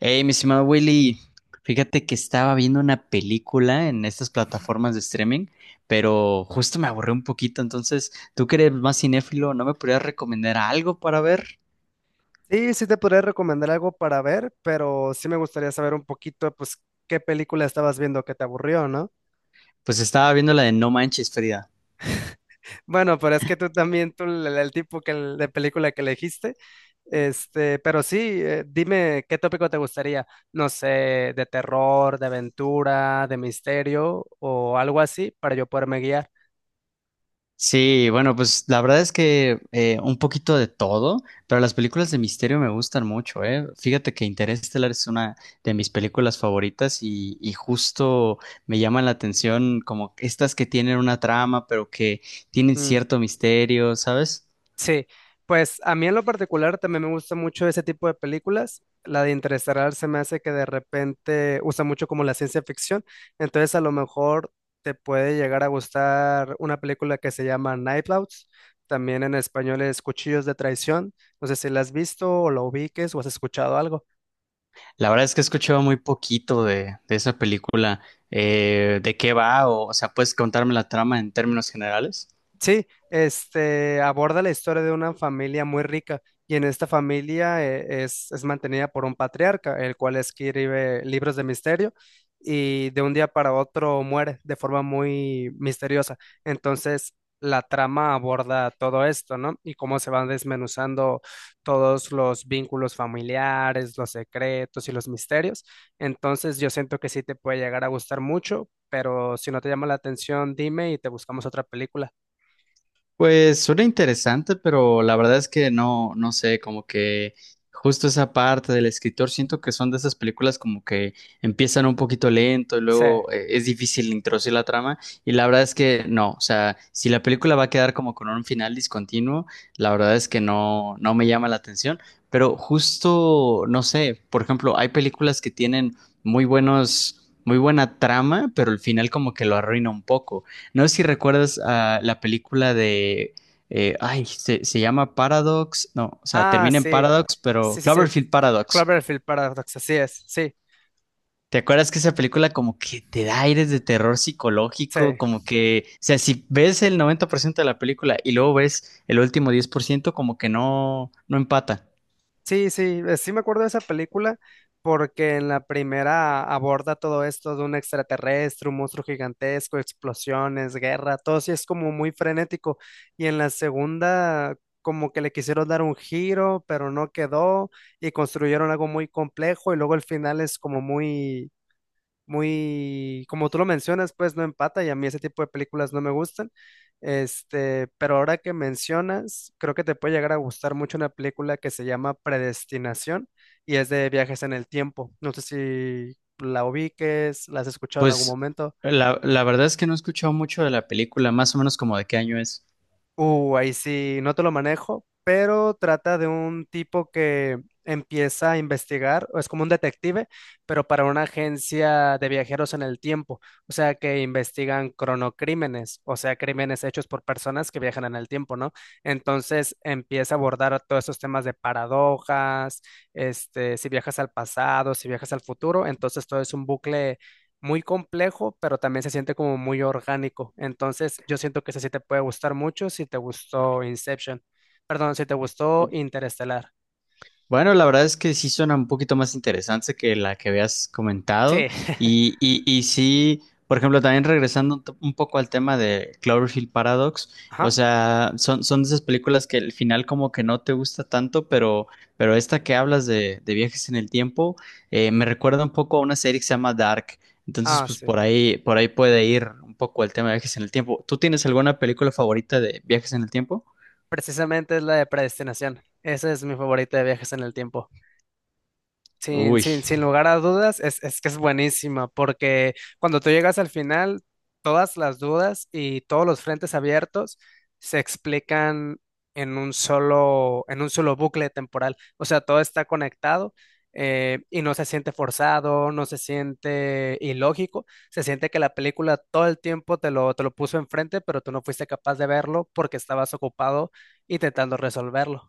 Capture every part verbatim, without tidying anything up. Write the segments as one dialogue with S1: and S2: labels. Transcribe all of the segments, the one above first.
S1: Hey, mi estimado Willy, fíjate que estaba viendo una película en estas plataformas de streaming, pero justo me aburrí un poquito, entonces, tú que eres más cinéfilo, ¿no me podrías recomendar algo para ver?
S2: Sí, sí te podría recomendar algo para ver, pero sí me gustaría saber un poquito, pues, qué película estabas viendo que te aburrió, ¿no?
S1: Pues estaba viendo la de No Manches, Frida.
S2: Bueno, pero es que tú también, tú, el, el tipo que, de película que elegiste, este, pero sí, eh, dime qué tópico te gustaría, no sé, de terror, de aventura, de misterio o algo así, para yo poderme guiar.
S1: Sí, bueno, pues la verdad es que eh, un poquito de todo, pero las películas de misterio me gustan mucho, ¿eh? Fíjate que Interestelar es una de mis películas favoritas y, y justo me llaman la atención como estas que tienen una trama, pero que tienen
S2: Mm.
S1: cierto misterio, ¿sabes?
S2: Sí, pues a mí en lo particular también me gusta mucho ese tipo de películas. La de Interestelar se me hace que de repente usa mucho como la ciencia ficción. Entonces a lo mejor te puede llegar a gustar una película que se llama Night Owls. También en español es Cuchillos de Traición. No sé si la has visto o la ubiques o has escuchado algo.
S1: La verdad es que he escuchado muy poquito de, de esa película. eh, ¿De qué va? O, o sea, ¿puedes contarme la trama en términos generales?
S2: Sí, este aborda la historia de una familia muy rica y en esta familia eh, es, es mantenida por un patriarca, el cual escribe libros de misterio y de un día para otro muere de forma muy misteriosa. Entonces, la trama aborda todo esto, ¿no? Y cómo se van desmenuzando todos los vínculos familiares, los secretos y los misterios. Entonces, yo siento que sí te puede llegar a gustar mucho, pero si no te llama la atención, dime y te buscamos otra película.
S1: Pues suena interesante, pero la verdad es que no, no sé, como que justo esa parte del escritor, siento que son de esas películas como que empiezan un poquito lento y
S2: Sí.
S1: luego eh, es difícil introducir la trama y la verdad es que no, o sea, si la película va a quedar como con un final discontinuo, la verdad es que no, no me llama la atención, pero justo, no sé, por ejemplo, hay películas que tienen muy buenos, muy buena trama, pero el final como que lo arruina un poco. No sé si recuerdas a la película de. Eh, ay, se, se llama Paradox. No, o sea,
S2: Ah,
S1: termina en
S2: sí.
S1: Paradox,
S2: Sí,
S1: pero
S2: sí, sí.
S1: Cloverfield Paradox.
S2: Cloverfield Paradox, así es. Sí,
S1: ¿Te acuerdas que esa película como que te da aires de terror
S2: sí.
S1: psicológico? Como que, o sea, si ves el noventa por ciento de la película y luego ves el último diez por ciento, como que no, no empata.
S2: Sí, sí, eh, sí me acuerdo de esa película porque en la primera aborda todo esto de un extraterrestre, un monstruo gigantesco, explosiones, guerra, todo sí es como muy frenético. Y en la segunda como que le quisieron dar un giro, pero no quedó y construyeron algo muy complejo y luego el final es como muy muy, como tú lo mencionas, pues no empata y a mí ese tipo de películas no me gustan. Este, pero ahora que mencionas, creo que te puede llegar a gustar mucho una película que se llama Predestinación y es de viajes en el tiempo. No sé si la ubiques, la has escuchado en algún
S1: Pues
S2: momento.
S1: la, la verdad es que no he escuchado mucho de la película, más o menos como de qué año es.
S2: Uh, ahí sí, no te lo manejo, pero trata de un tipo que empieza a investigar, o es como un detective, pero para una agencia de viajeros en el tiempo, o sea que investigan cronocrímenes, o sea, crímenes hechos por personas que viajan en el tiempo, ¿no? Entonces empieza a abordar todos esos temas de paradojas, este, si viajas al pasado, si viajas al futuro, entonces todo es un bucle muy complejo, pero también se siente como muy orgánico. Entonces, yo siento que ese sí te puede gustar mucho si te gustó Inception. Perdón, si te gustó Interestelar.
S1: Bueno, la verdad es que sí suena un poquito más interesante que la que habías comentado.
S2: Sí.
S1: Y, y, y sí, por ejemplo, también regresando un t- un poco al tema de Cloverfield Paradox, o
S2: Ajá.
S1: sea, son, son de esas películas que el final como que no te gusta tanto, pero, pero esta que hablas de, de viajes en el tiempo, eh, me recuerda un poco a una serie que se llama Dark. Entonces,
S2: Ah,
S1: pues
S2: sí.
S1: por ahí, por ahí puede ir un poco el tema de viajes en el tiempo. ¿Tú tienes alguna película favorita de viajes en el tiempo?
S2: Precisamente es la de Predestinación. Ese es mi favorito de viajes en el tiempo. Sin,
S1: Uy.
S2: sin, sin lugar a dudas, es, es que es buenísima, porque cuando tú llegas al final, todas las dudas y todos los frentes abiertos se explican en un solo, en un solo bucle temporal. O sea, todo está conectado eh, y no se siente forzado, no se siente ilógico, se siente que la película todo el tiempo te lo, te lo puso enfrente, pero tú no fuiste capaz de verlo porque estabas ocupado intentando resolverlo.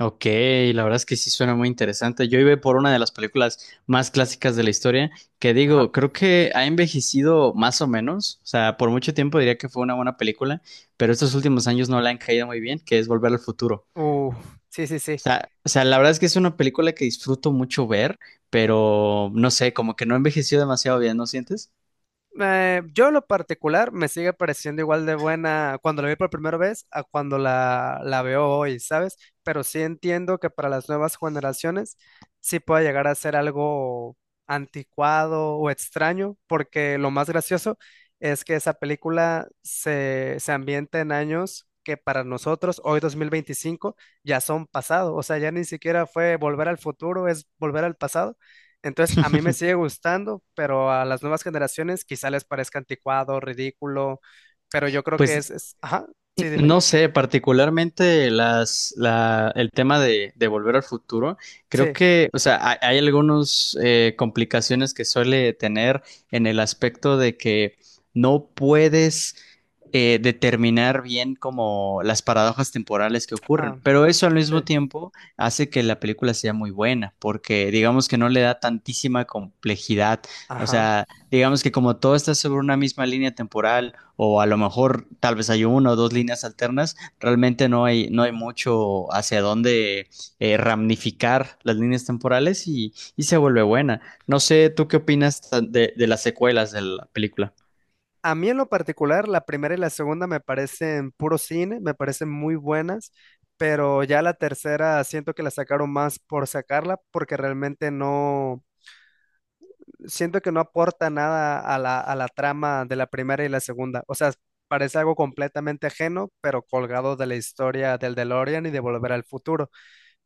S1: Ok, la verdad es que sí suena muy interesante. Yo iba por una de las películas más clásicas de la historia, que
S2: Ajá.
S1: digo, creo que ha envejecido más o menos, o sea, por mucho tiempo diría que fue una buena película, pero estos últimos años no la han caído muy bien, que es Volver al Futuro.
S2: Uh, sí, sí,
S1: O
S2: sí.
S1: sea, o sea, la verdad es que es una película que disfruto mucho ver, pero no sé, como que no ha envejecido demasiado bien, ¿no sientes?
S2: Eh, yo en lo particular me sigue pareciendo igual de buena cuando la vi por primera vez a cuando la, la veo hoy, ¿sabes? Pero sí entiendo que para las nuevas generaciones sí puede llegar a ser algo anticuado o extraño, porque lo más gracioso es que esa película se, se ambienta en años que para nosotros hoy dos mil veinticinco ya son pasado, o sea, ya ni siquiera fue volver al futuro, es volver al pasado, entonces, a mí me sigue gustando, pero a las nuevas generaciones quizá les parezca anticuado, ridículo, pero yo creo que es,
S1: Pues
S2: es- ajá, sí, dime,
S1: no sé, particularmente las, la, el tema de, de Volver al Futuro, creo
S2: sí,
S1: que, o sea, hay, hay algunas complicaciones que suele tener en el aspecto de que no puedes eh, determinar bien como las paradojas temporales que
S2: ah,
S1: ocurren, pero eso al mismo
S2: sí,
S1: tiempo hace que la película sea muy buena, porque digamos que no le da tantísima complejidad, o
S2: ajá.
S1: sea, digamos que como todo está sobre una misma línea temporal o a lo mejor tal vez hay una o dos líneas alternas, realmente no hay, no hay mucho hacia dónde eh, ramificar las líneas temporales y, y se vuelve buena. No sé, ¿tú qué opinas tan- de, de las secuelas de la película?
S2: A mí en lo particular, la primera y la segunda me parecen puro cine, me parecen muy buenas, pero ya la tercera siento que la sacaron más por sacarla, porque realmente no, siento que no aporta nada a la, a la trama de la primera y la segunda. O sea, parece algo completamente ajeno, pero colgado de la historia del DeLorean y de Volver al Futuro,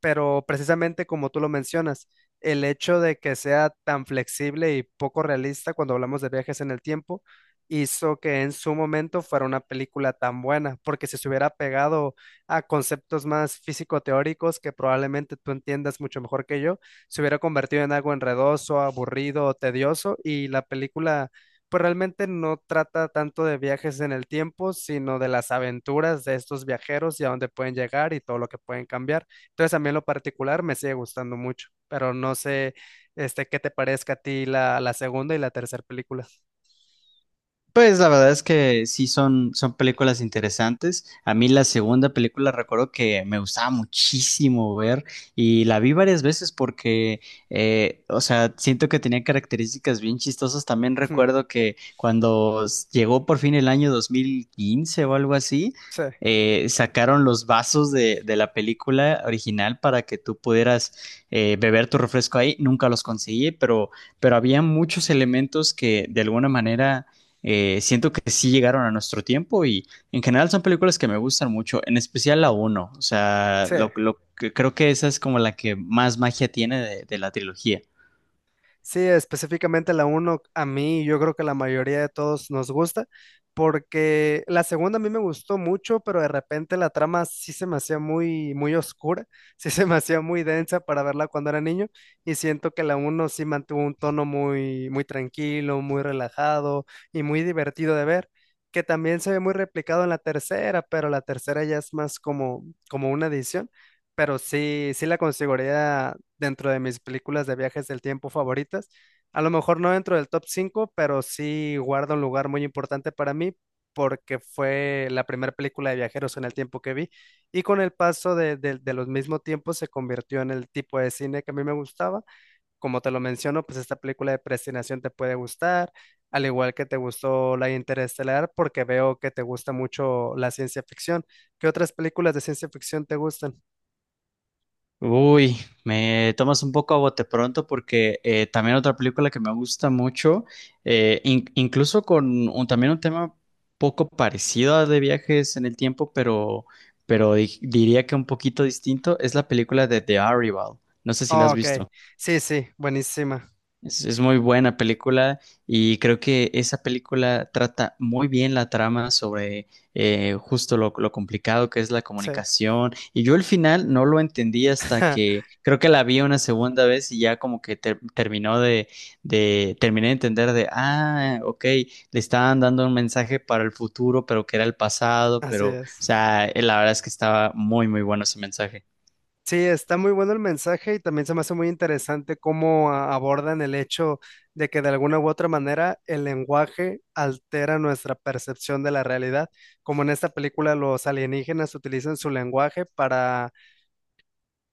S2: pero precisamente como tú lo mencionas, el hecho de que sea tan flexible y poco realista cuando hablamos de viajes en el tiempo hizo que en su momento fuera una película tan buena, porque si se hubiera pegado a conceptos más físico-teóricos que probablemente tú entiendas mucho mejor que yo, se hubiera convertido en algo enredoso, aburrido, tedioso y la película pues realmente no trata tanto de viajes en el tiempo, sino de las aventuras de estos viajeros y a dónde pueden llegar y todo lo que pueden cambiar. Entonces a mí en lo particular me sigue gustando mucho, pero no sé, este, qué te parezca a ti la, la segunda y la tercera película.
S1: Pues la verdad es que sí son, son películas interesantes. A mí la segunda película recuerdo que me gustaba muchísimo ver y la vi varias veces porque, eh, o sea, siento que tenía características bien chistosas. También recuerdo que cuando s- llegó por fin el año dos mil quince o algo así,
S2: Sí,
S1: eh, sacaron los vasos de, de la película original para que tú pudieras eh, beber tu refresco ahí. Nunca los conseguí, pero, pero había muchos elementos que de alguna manera eh, siento que sí llegaron a nuestro tiempo y en general son películas que me gustan mucho, en especial la uno. O sea,
S2: sí.
S1: lo, lo que creo que esa es como la que más magia tiene de, de la trilogía.
S2: Sí, específicamente la uno a mí, yo creo que la mayoría de todos nos gusta, porque la segunda a mí me gustó mucho, pero de repente la trama sí se me hacía muy, muy oscura, sí se me hacía muy densa para verla cuando era niño, y siento que la uno sí mantuvo un tono muy, muy tranquilo, muy relajado y muy divertido de ver, que también se ve muy replicado en la tercera, pero la tercera ya es más como, como una edición, pero sí, sí la consideraría dentro de mis películas de viajes del tiempo favoritas. A lo mejor no dentro del top cinco, pero sí guarda un lugar muy importante para mí porque fue la primera película de viajeros en el tiempo que vi y con el paso de, de- de los mismos tiempos se convirtió en el tipo de cine que a mí me gustaba. Como te lo menciono, pues esta película de predestinación te puede gustar, al igual que te gustó la Interestelar porque veo que te gusta mucho la ciencia ficción. ¿Qué otras películas de ciencia ficción te gustan?
S1: Uy, me tomas un poco a bote pronto porque eh, también otra película que me gusta mucho, eh, in- incluso con un- también un tema poco parecido a de viajes en el tiempo, pero, pero di- diría que un poquito distinto, es la película de The Arrival. No sé si la
S2: Oh,
S1: has
S2: ok,
S1: visto.
S2: sí, sí, buenísima.
S1: Es, es muy buena película y creo que esa película trata muy bien la trama sobre eh, justo lo, lo complicado que es la
S2: Sí.
S1: comunicación. Y yo el final no lo entendí hasta que creo que la vi una segunda vez y ya como que ter- terminó de, de, terminé de entender de, ah, ok, le estaban dando un mensaje para el futuro, pero que era el pasado,
S2: Así
S1: pero, o
S2: es.
S1: sea, eh, la verdad es que estaba muy, muy bueno ese mensaje.
S2: Sí, está muy bueno el mensaje y también se me hace muy interesante cómo a- abordan el hecho de que de alguna u otra manera el lenguaje altera nuestra percepción de la realidad, como en esta película los alienígenas utilizan su lenguaje para,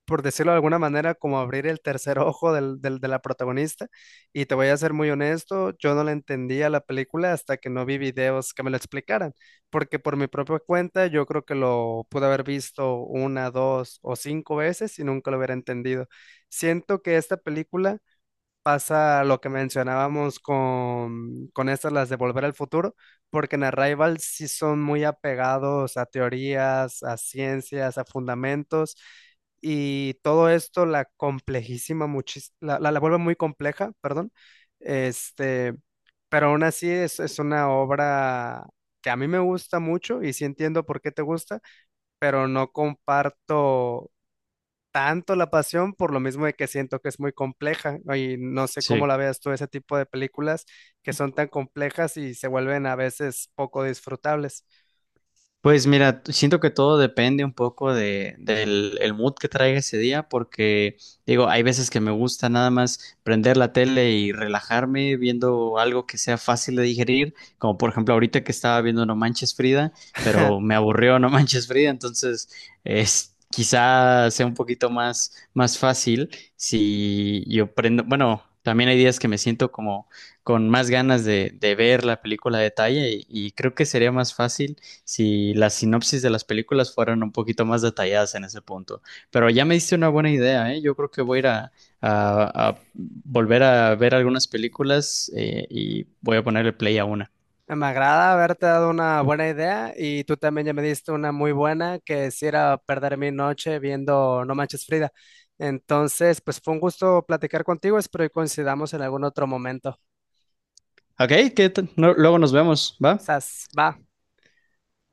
S2: por decirlo de alguna manera, como abrir el tercer ojo del, del- de la protagonista. Y te voy a ser muy honesto, yo no la entendía la película hasta que no vi videos que me lo explicaran, porque por mi propia cuenta yo creo que lo pude haber visto una, dos o cinco veces y nunca lo hubiera entendido. Siento que esta película pasa lo que mencionábamos con, con estas, las de Volver al Futuro, porque en Arrival sí son muy apegados a teorías, a ciencias, a fundamentos, y todo esto la complejísima, muchis- la, la, la vuelve muy compleja, perdón, este, pero aún así es, es una obra que a mí me gusta mucho y sí entiendo por qué te gusta, pero no comparto tanto la pasión por lo mismo de que siento que es muy compleja, ¿no? Y no sé cómo
S1: Sí.
S2: la veas tú ese tipo de películas que son tan complejas y se vuelven a veces poco disfrutables.
S1: Pues mira, t- siento que todo depende un poco de, del el mood que traiga ese día, porque digo, hay veces que me gusta nada más prender la tele y relajarme viendo algo que sea fácil de digerir, como por ejemplo ahorita que estaba viendo No Manches Frida, pero me aburrió No Manches Frida, entonces es, quizá sea un poquito más, más fácil si yo prendo, bueno, también hay días que me siento como con más ganas de, de ver la película a detalle y y creo que sería más fácil si las sinopsis de las películas fueran un poquito más detalladas en ese punto. Pero ya me diste una buena idea, ¿eh? Yo creo que voy a ir a, a- a volver a ver algunas películas eh, y voy a ponerle play a una.
S2: Me agrada haberte dado una buena idea y tú también ya me diste una muy buena que es ir a perder mi noche viendo No Manches Frida. Entonces, pues fue un gusto platicar contigo, espero que coincidamos en algún otro momento.
S1: Ok, que t- no- luego nos vemos, ¿va?
S2: Sas, va.